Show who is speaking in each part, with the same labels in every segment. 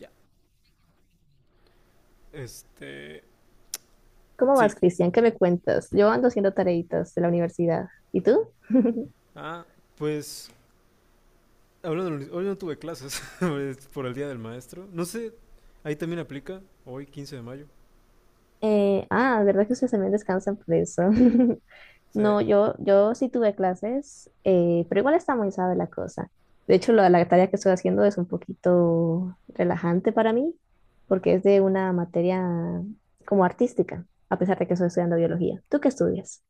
Speaker 1: Ya. Este.
Speaker 2: ¿Cómo vas,
Speaker 1: Sí.
Speaker 2: Cristian? ¿Qué me cuentas? Yo ando haciendo tareitas de la universidad. ¿Y tú?
Speaker 1: Ah, pues. Hablando, hoy no tuve clases es por el día del maestro. No sé, ahí también aplica, hoy 15 de mayo.
Speaker 2: ¿Verdad que ustedes también descansan por eso?
Speaker 1: O sea,
Speaker 2: No, yo sí tuve clases, pero igual está muy sabe la cosa. De hecho, la tarea que estoy haciendo es un poquito relajante para mí, porque es de una materia como artística, a pesar de que estoy estudiando biología. ¿Tú qué estudias?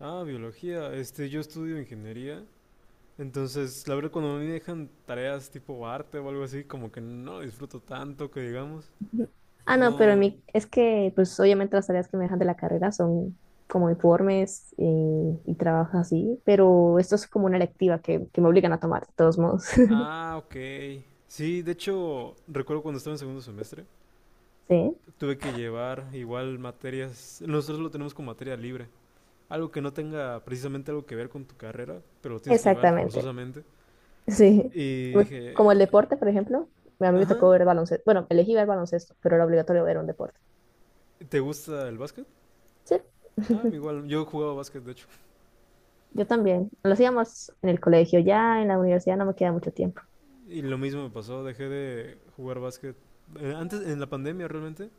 Speaker 1: ah, biología. Yo estudio ingeniería. Entonces, la verdad, cuando a mí me dejan tareas tipo arte o algo así, como que no disfruto tanto que digamos.
Speaker 2: Ujú. Ah, no, pero
Speaker 1: No.
Speaker 2: es que, pues obviamente las tareas que me dejan de la carrera son como informes y, trabajos así, pero esto es como una electiva que me obligan a tomar, de todos modos.
Speaker 1: Ah, ok. Sí, de hecho, recuerdo cuando estaba en segundo semestre,
Speaker 2: Sí,
Speaker 1: tuve que llevar igual materias. Nosotros lo tenemos con materia libre. Algo que no tenga precisamente algo que ver con tu carrera, pero lo tienes que llevar
Speaker 2: exactamente.
Speaker 1: forzosamente.
Speaker 2: Sí.
Speaker 1: Y
Speaker 2: Como
Speaker 1: dije,
Speaker 2: el deporte, por ejemplo, a mí me
Speaker 1: ajá,
Speaker 2: tocó ver baloncesto. Bueno, elegí ver baloncesto, pero era obligatorio ver un deporte.
Speaker 1: ¿te gusta el básquet?
Speaker 2: Sí.
Speaker 1: Ah, igual, yo jugaba básquet, de hecho.
Speaker 2: Yo también. Lo hacíamos en el colegio, ya en la universidad no me queda mucho tiempo.
Speaker 1: Y lo mismo me pasó, dejé de jugar básquet antes, en la pandemia realmente,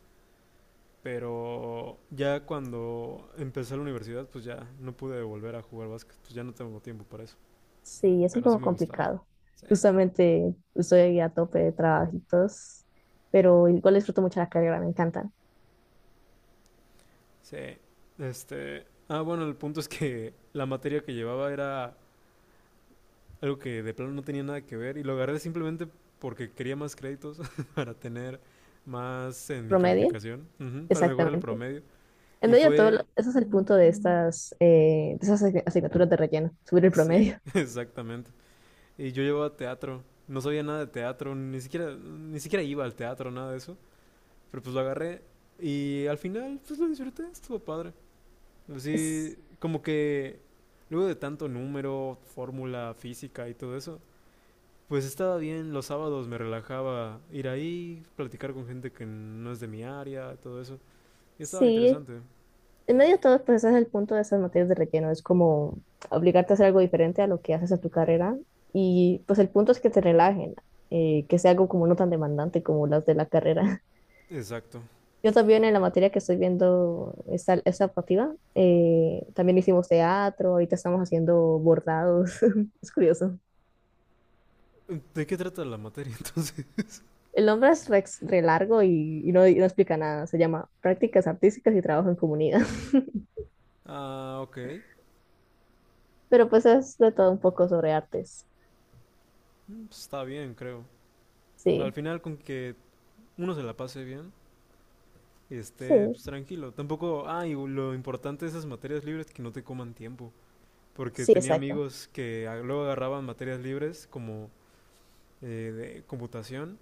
Speaker 1: pero ya cuando empecé la universidad, pues ya no pude volver a jugar básquet, pues ya no tengo tiempo para eso.
Speaker 2: Sí, es un
Speaker 1: Pero sí
Speaker 2: poco
Speaker 1: me gustaba.
Speaker 2: complicado.
Speaker 1: Sí,
Speaker 2: Justamente estoy a tope de trabajitos, pero igual disfruto mucho la carrera, me encantan.
Speaker 1: sí. Bueno, el punto es que la materia que llevaba era algo que de plano no tenía nada que ver y lo agarré simplemente porque quería más créditos para tener más en mi
Speaker 2: ¿Promedio?
Speaker 1: calificación, ujú, para mejorar el
Speaker 2: Exactamente.
Speaker 1: promedio.
Speaker 2: En
Speaker 1: Y
Speaker 2: medio de todo,
Speaker 1: fue,
Speaker 2: ese es el punto de estas, de esas asignaturas de relleno, subir el
Speaker 1: sí,
Speaker 2: promedio.
Speaker 1: exactamente. Y yo llevaba teatro, no sabía nada de teatro, ni siquiera, ni siquiera iba al teatro, nada de eso. Pero pues lo agarré y al final pues lo disfruté, estuvo padre. Así
Speaker 2: Es-
Speaker 1: como que luego de tanto número, fórmula, física y todo eso, pues estaba bien, los sábados me relajaba ir ahí, platicar con gente que no es de mi área, todo eso. Y estaba
Speaker 2: sí,
Speaker 1: interesante.
Speaker 2: en medio de todo, pues ese es el punto de esas materias de relleno, es como obligarte a hacer algo diferente a lo que haces en tu carrera y pues el punto es que te relajen, que sea algo como no tan demandante como las de la carrera.
Speaker 1: Exacto.
Speaker 2: Yo también en la materia que estoy viendo esta optativa, también hicimos teatro, ahorita estamos haciendo bordados, es curioso.
Speaker 1: ¿De qué trata la materia entonces?
Speaker 2: El nombre es re largo y no explica nada, se llama Prácticas Artísticas y Trabajo en Comunidad,
Speaker 1: Ah, ok.
Speaker 2: pero pues es de todo un poco sobre artes,
Speaker 1: Mm, pues, está bien, creo. Al
Speaker 2: sí,
Speaker 1: final con que uno se la pase bien y
Speaker 2: sí,
Speaker 1: esté pues, tranquilo. Tampoco, ah, y lo importante de esas materias libres es que no te coman tiempo. Porque
Speaker 2: sí,
Speaker 1: tenía
Speaker 2: exacto.
Speaker 1: amigos que luego agarraban materias libres como de computación,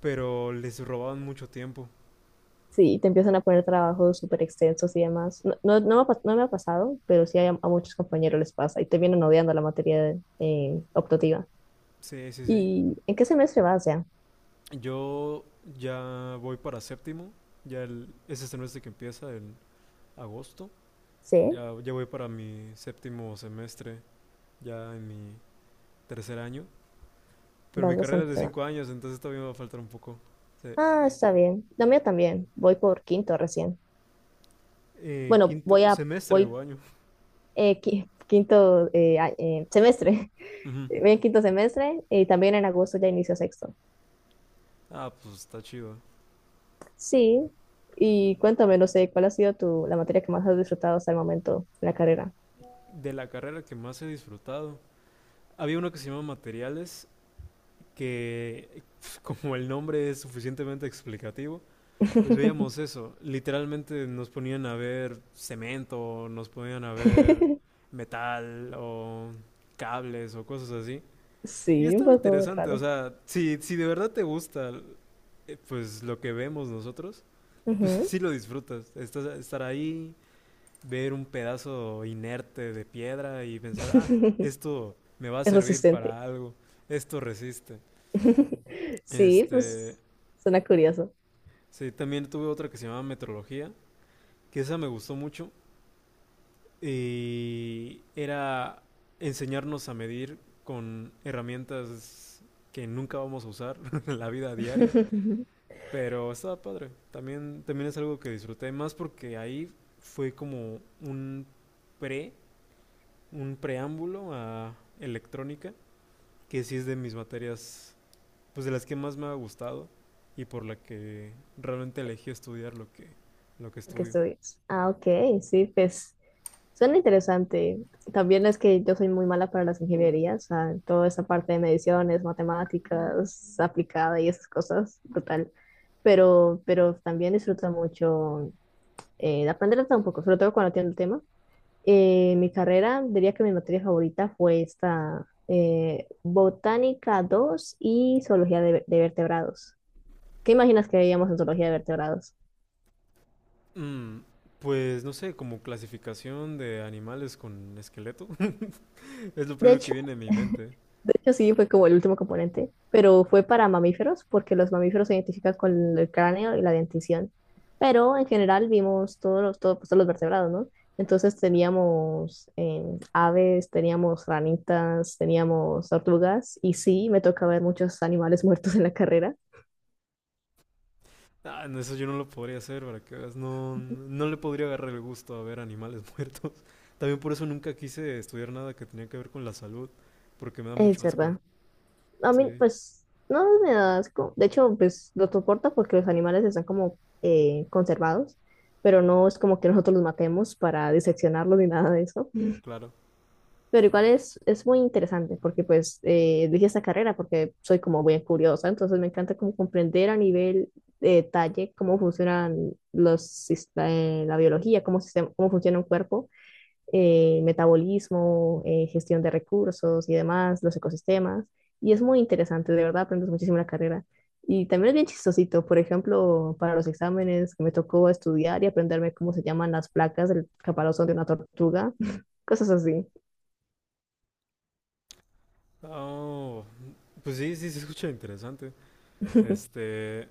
Speaker 1: pero les robaban mucho tiempo.
Speaker 2: Sí, y te empiezan a poner trabajos súper extensos y demás. No me ha pasado, pero sí a muchos compañeros les pasa y te vienen odiando la materia optativa.
Speaker 1: Sí, sí, sí.
Speaker 2: ¿Y en qué semestre vas ya?
Speaker 1: Yo ya voy para séptimo, ya el, es este semestre que empieza en agosto,
Speaker 2: Sí,
Speaker 1: ya, ya voy para mi séptimo semestre, ya en mi tercer año, pero mi
Speaker 2: vas
Speaker 1: carrera es de
Speaker 2: bastante.
Speaker 1: 5 años, entonces todavía me va a faltar un poco. Se-
Speaker 2: Ah, está bien. La mía también. Voy por quinto recién. Bueno,
Speaker 1: quinto semestre
Speaker 2: voy
Speaker 1: o año.
Speaker 2: quinto semestre.
Speaker 1: Ujú.
Speaker 2: Voy en quinto semestre y también en agosto ya inicio sexto.
Speaker 1: Ah, pues está chido.
Speaker 2: Sí. Y cuéntame, no sé, ¿cuál ha sido la materia que más has disfrutado hasta el momento en la carrera?
Speaker 1: De la carrera que más he disfrutado, había uno que se llama materiales, que como el nombre es suficientemente explicativo, pues veíamos eso. Literalmente nos ponían a ver cemento, nos ponían a ver metal o cables o cosas así. Y
Speaker 2: Sí, un
Speaker 1: estaba
Speaker 2: poco
Speaker 1: interesante, o
Speaker 2: raro.
Speaker 1: sea, si de verdad te gusta, pues lo que vemos nosotros, pues
Speaker 2: Ujú.
Speaker 1: sí lo disfrutas. Estar ahí, ver un pedazo inerte de piedra y pensar, ah, esto me va a
Speaker 2: Es
Speaker 1: servir
Speaker 2: resistente.
Speaker 1: para algo, esto resiste.
Speaker 2: Sí,
Speaker 1: Este,
Speaker 2: pues suena curioso.
Speaker 1: sí, también tuve otra que se llamaba metrología, que esa me gustó mucho y era enseñarnos a medir con herramientas que nunca vamos a usar en la vida diaria,
Speaker 2: Lo
Speaker 1: pero estaba padre. También es algo que disfruté más porque ahí fue como un pre, un preámbulo a electrónica, que sí es de mis materias, pues de las que más me ha gustado y por la que realmente elegí estudiar lo que
Speaker 2: que
Speaker 1: estudio.
Speaker 2: estudias. Ah, ok, sí, pues suena interesante. También es que yo soy muy mala para las ingenierías, o sea, toda esa parte de mediciones, matemáticas aplicada y esas cosas, brutal. Pero también disfruto mucho de aprender de todo un poco, sobre todo cuando tiene el tema. Mi carrera, diría que mi materia favorita fue esta Botánica dos y Zoología de Vertebrados. ¿Qué imaginas que veíamos en Zoología de Vertebrados?
Speaker 1: Mm, pues no sé, como clasificación de animales con esqueleto. Es lo
Speaker 2: De
Speaker 1: primero que
Speaker 2: hecho,
Speaker 1: viene a mi mente.
Speaker 2: de hecho, sí fue como el último componente, pero fue para mamíferos porque los mamíferos se identifican con el cráneo y la dentición. Pero en general vimos pues, todos los vertebrados, ¿no? Entonces teníamos aves, teníamos ranitas, teníamos tortugas y sí, me toca ver muchos animales muertos en la carrera.
Speaker 1: Ah, no, eso yo no lo podría hacer, para que veas. No, no le podría agarrar el gusto a ver animales muertos. También por eso nunca quise estudiar nada que tenía que ver con la salud, porque me da
Speaker 2: Es
Speaker 1: mucho asco.
Speaker 2: verdad. A mí,
Speaker 1: Sí,
Speaker 2: pues, no me da asco. De hecho, pues lo soporta porque los animales están como conservados, pero no es como que nosotros los matemos para diseccionarlos ni nada de eso.
Speaker 1: claro.
Speaker 2: Pero igual es muy interesante porque, pues, elegí esta carrera porque soy como muy curiosa, entonces me encanta como comprender a nivel de detalle cómo funcionan la biología, cómo funciona un cuerpo metabolismo, gestión de recursos y demás, los ecosistemas. Y es muy interesante, de verdad, aprendes muchísimo la carrera. Y también es bien chistosito, por ejemplo, para los exámenes que me tocó estudiar y aprenderme cómo se llaman las placas del caparazón de una tortuga, cosas así.
Speaker 1: Oh, pues sí, sí, se escucha interesante. Este,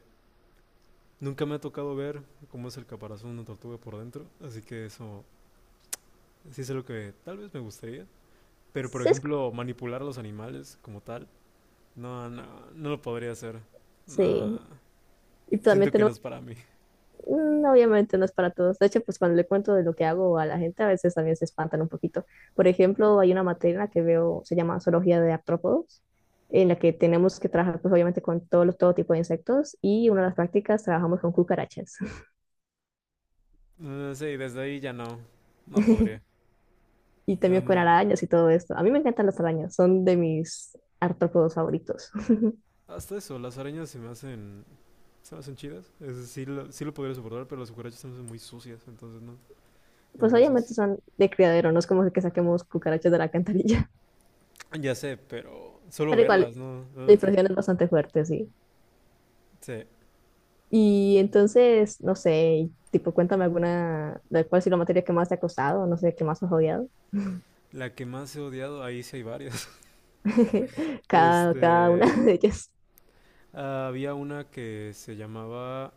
Speaker 1: nunca me ha tocado ver cómo es el caparazón de una tortuga por dentro, así que eso sí es lo que tal vez me gustaría. Pero, por
Speaker 2: Sesco,
Speaker 1: ejemplo, manipular a los animales como tal, no, no, no lo podría hacer.
Speaker 2: sí.
Speaker 1: No,
Speaker 2: Y también
Speaker 1: siento que no
Speaker 2: tenemos
Speaker 1: es para mí.
Speaker 2: mm, obviamente no es para todos. De hecho, pues cuando le cuento de lo que hago a la gente, a veces también se espantan un poquito. Por ejemplo, hay una materia en la que veo, se llama Zoología de Artrópodos, en la que tenemos que trabajar, pues obviamente, con todo tipo de insectos y una de las prácticas trabajamos con cucarachas
Speaker 1: Sí, desde ahí ya no, no podría.
Speaker 2: y también con
Speaker 1: Em,
Speaker 2: arañas y todo esto. A mí me encantan las arañas, son de mis artrópodos favoritos.
Speaker 1: hasta eso, las arañas se me hacen chidas. Es, decir, sí lo podría soportar, pero las cucarachas se me hacen muy sucias, entonces no, no,
Speaker 2: Pues obviamente
Speaker 1: gracias.
Speaker 2: son de criadero, no es como que saquemos cucarachas de la alcantarilla,
Speaker 1: Ya sé, pero solo
Speaker 2: pero igual,
Speaker 1: verlas, ¿no?
Speaker 2: la
Speaker 1: Ugh.
Speaker 2: impresión es bastante fuerte, sí.
Speaker 1: Sí,
Speaker 2: Y entonces, no sé, tipo, cuéntame alguna, de cuál ha sido la materia que más te ha costado, no sé, que más has odiado.
Speaker 1: la que más he odiado, ahí sí hay varias.
Speaker 2: Cada una
Speaker 1: Este,
Speaker 2: de ellas
Speaker 1: había una que se llamaba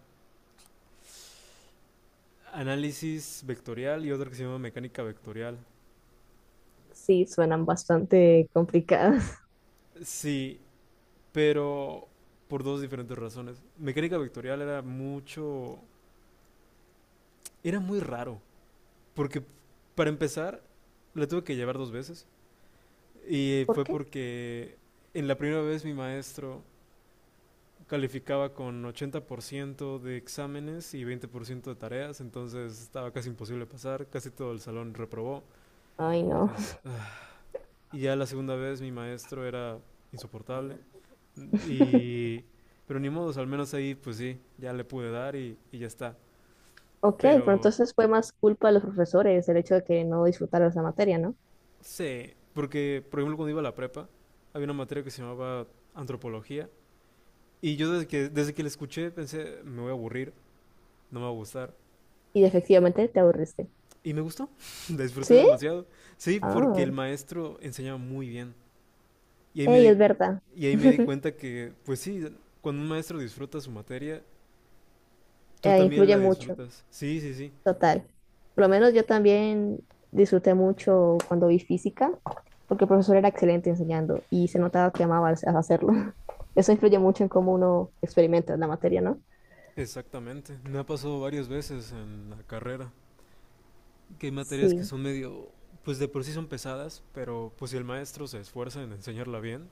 Speaker 1: análisis vectorial y otra que se llama mecánica vectorial.
Speaker 2: sí suenan bastante complicadas.
Speaker 1: Sí, pero por dos diferentes razones. Mecánica vectorial era mucho... Era muy raro, porque para empezar, la tuve que llevar dos veces. Y
Speaker 2: ¿Por
Speaker 1: fue
Speaker 2: qué?
Speaker 1: porque en la primera vez mi maestro calificaba con 80% de exámenes y 20% de tareas, entonces estaba casi imposible pasar, casi todo el salón reprobó.
Speaker 2: Ay, no.
Speaker 1: Entonces, ah. Y ya la segunda vez mi maestro era insoportable. Y, pero ni modos, al menos ahí pues sí, ya le pude dar y ya está.
Speaker 2: Ok, pero
Speaker 1: Pero
Speaker 2: entonces fue más culpa de los profesores el hecho de que no disfrutaras la materia, ¿no?
Speaker 1: sí, porque por ejemplo cuando iba a la prepa, había una materia que se llamaba antropología. Y yo desde que la escuché pensé, me voy a aburrir, no me va a gustar.
Speaker 2: Y efectivamente te aburriste.
Speaker 1: Y me gustó, la disfruté
Speaker 2: ¿Sí?
Speaker 1: demasiado. Sí, porque
Speaker 2: Ah,
Speaker 1: el maestro enseñaba muy bien. Y ahí me
Speaker 2: ey,
Speaker 1: di,
Speaker 2: es verdad.
Speaker 1: y ahí me di cuenta que, pues sí, cuando un maestro disfruta su materia, tú también
Speaker 2: Influye
Speaker 1: la
Speaker 2: mucho.
Speaker 1: disfrutas. Sí, sí, sí.
Speaker 2: Total. Por lo menos yo también disfruté mucho cuando vi física, porque el profesor era excelente enseñando y se notaba que amaba hacerlo. Eso influye mucho en cómo uno experimenta la materia, ¿no?
Speaker 1: Exactamente, me ha pasado varias veces en la carrera, que hay materias que
Speaker 2: Sí,
Speaker 1: son medio, pues de por sí son pesadas, pero pues si el maestro se esfuerza en enseñarla bien,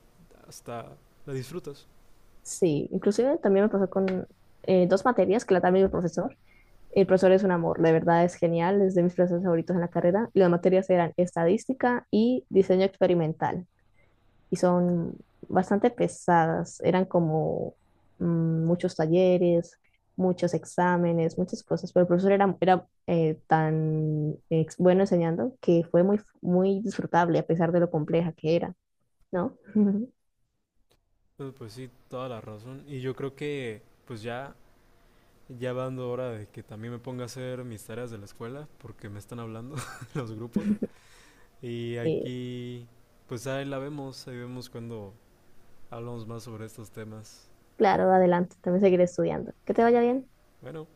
Speaker 1: hasta la disfrutas.
Speaker 2: sí. Inclusive también me pasó con dos materias que la también el profesor. El profesor es un amor, de verdad es genial, es de mis profesores favoritos en la carrera. Y las materias eran estadística y diseño experimental. Y son bastante pesadas. Eran como mm, muchos talleres, muchos exámenes, muchas cosas, pero el profesor era bueno enseñando que fue muy disfrutable a pesar de lo compleja que era, ¿no?
Speaker 1: Pues, pues sí, toda la razón. Y yo creo que pues ya, ya va dando hora de que también me ponga a hacer mis tareas de la escuela, porque me están hablando los grupos. Y
Speaker 2: Eh,
Speaker 1: aquí, pues ahí la vemos, ahí vemos cuando hablamos más sobre estos temas.
Speaker 2: claro, adelante, también seguiré estudiando. Que te vaya bien.
Speaker 1: Bueno,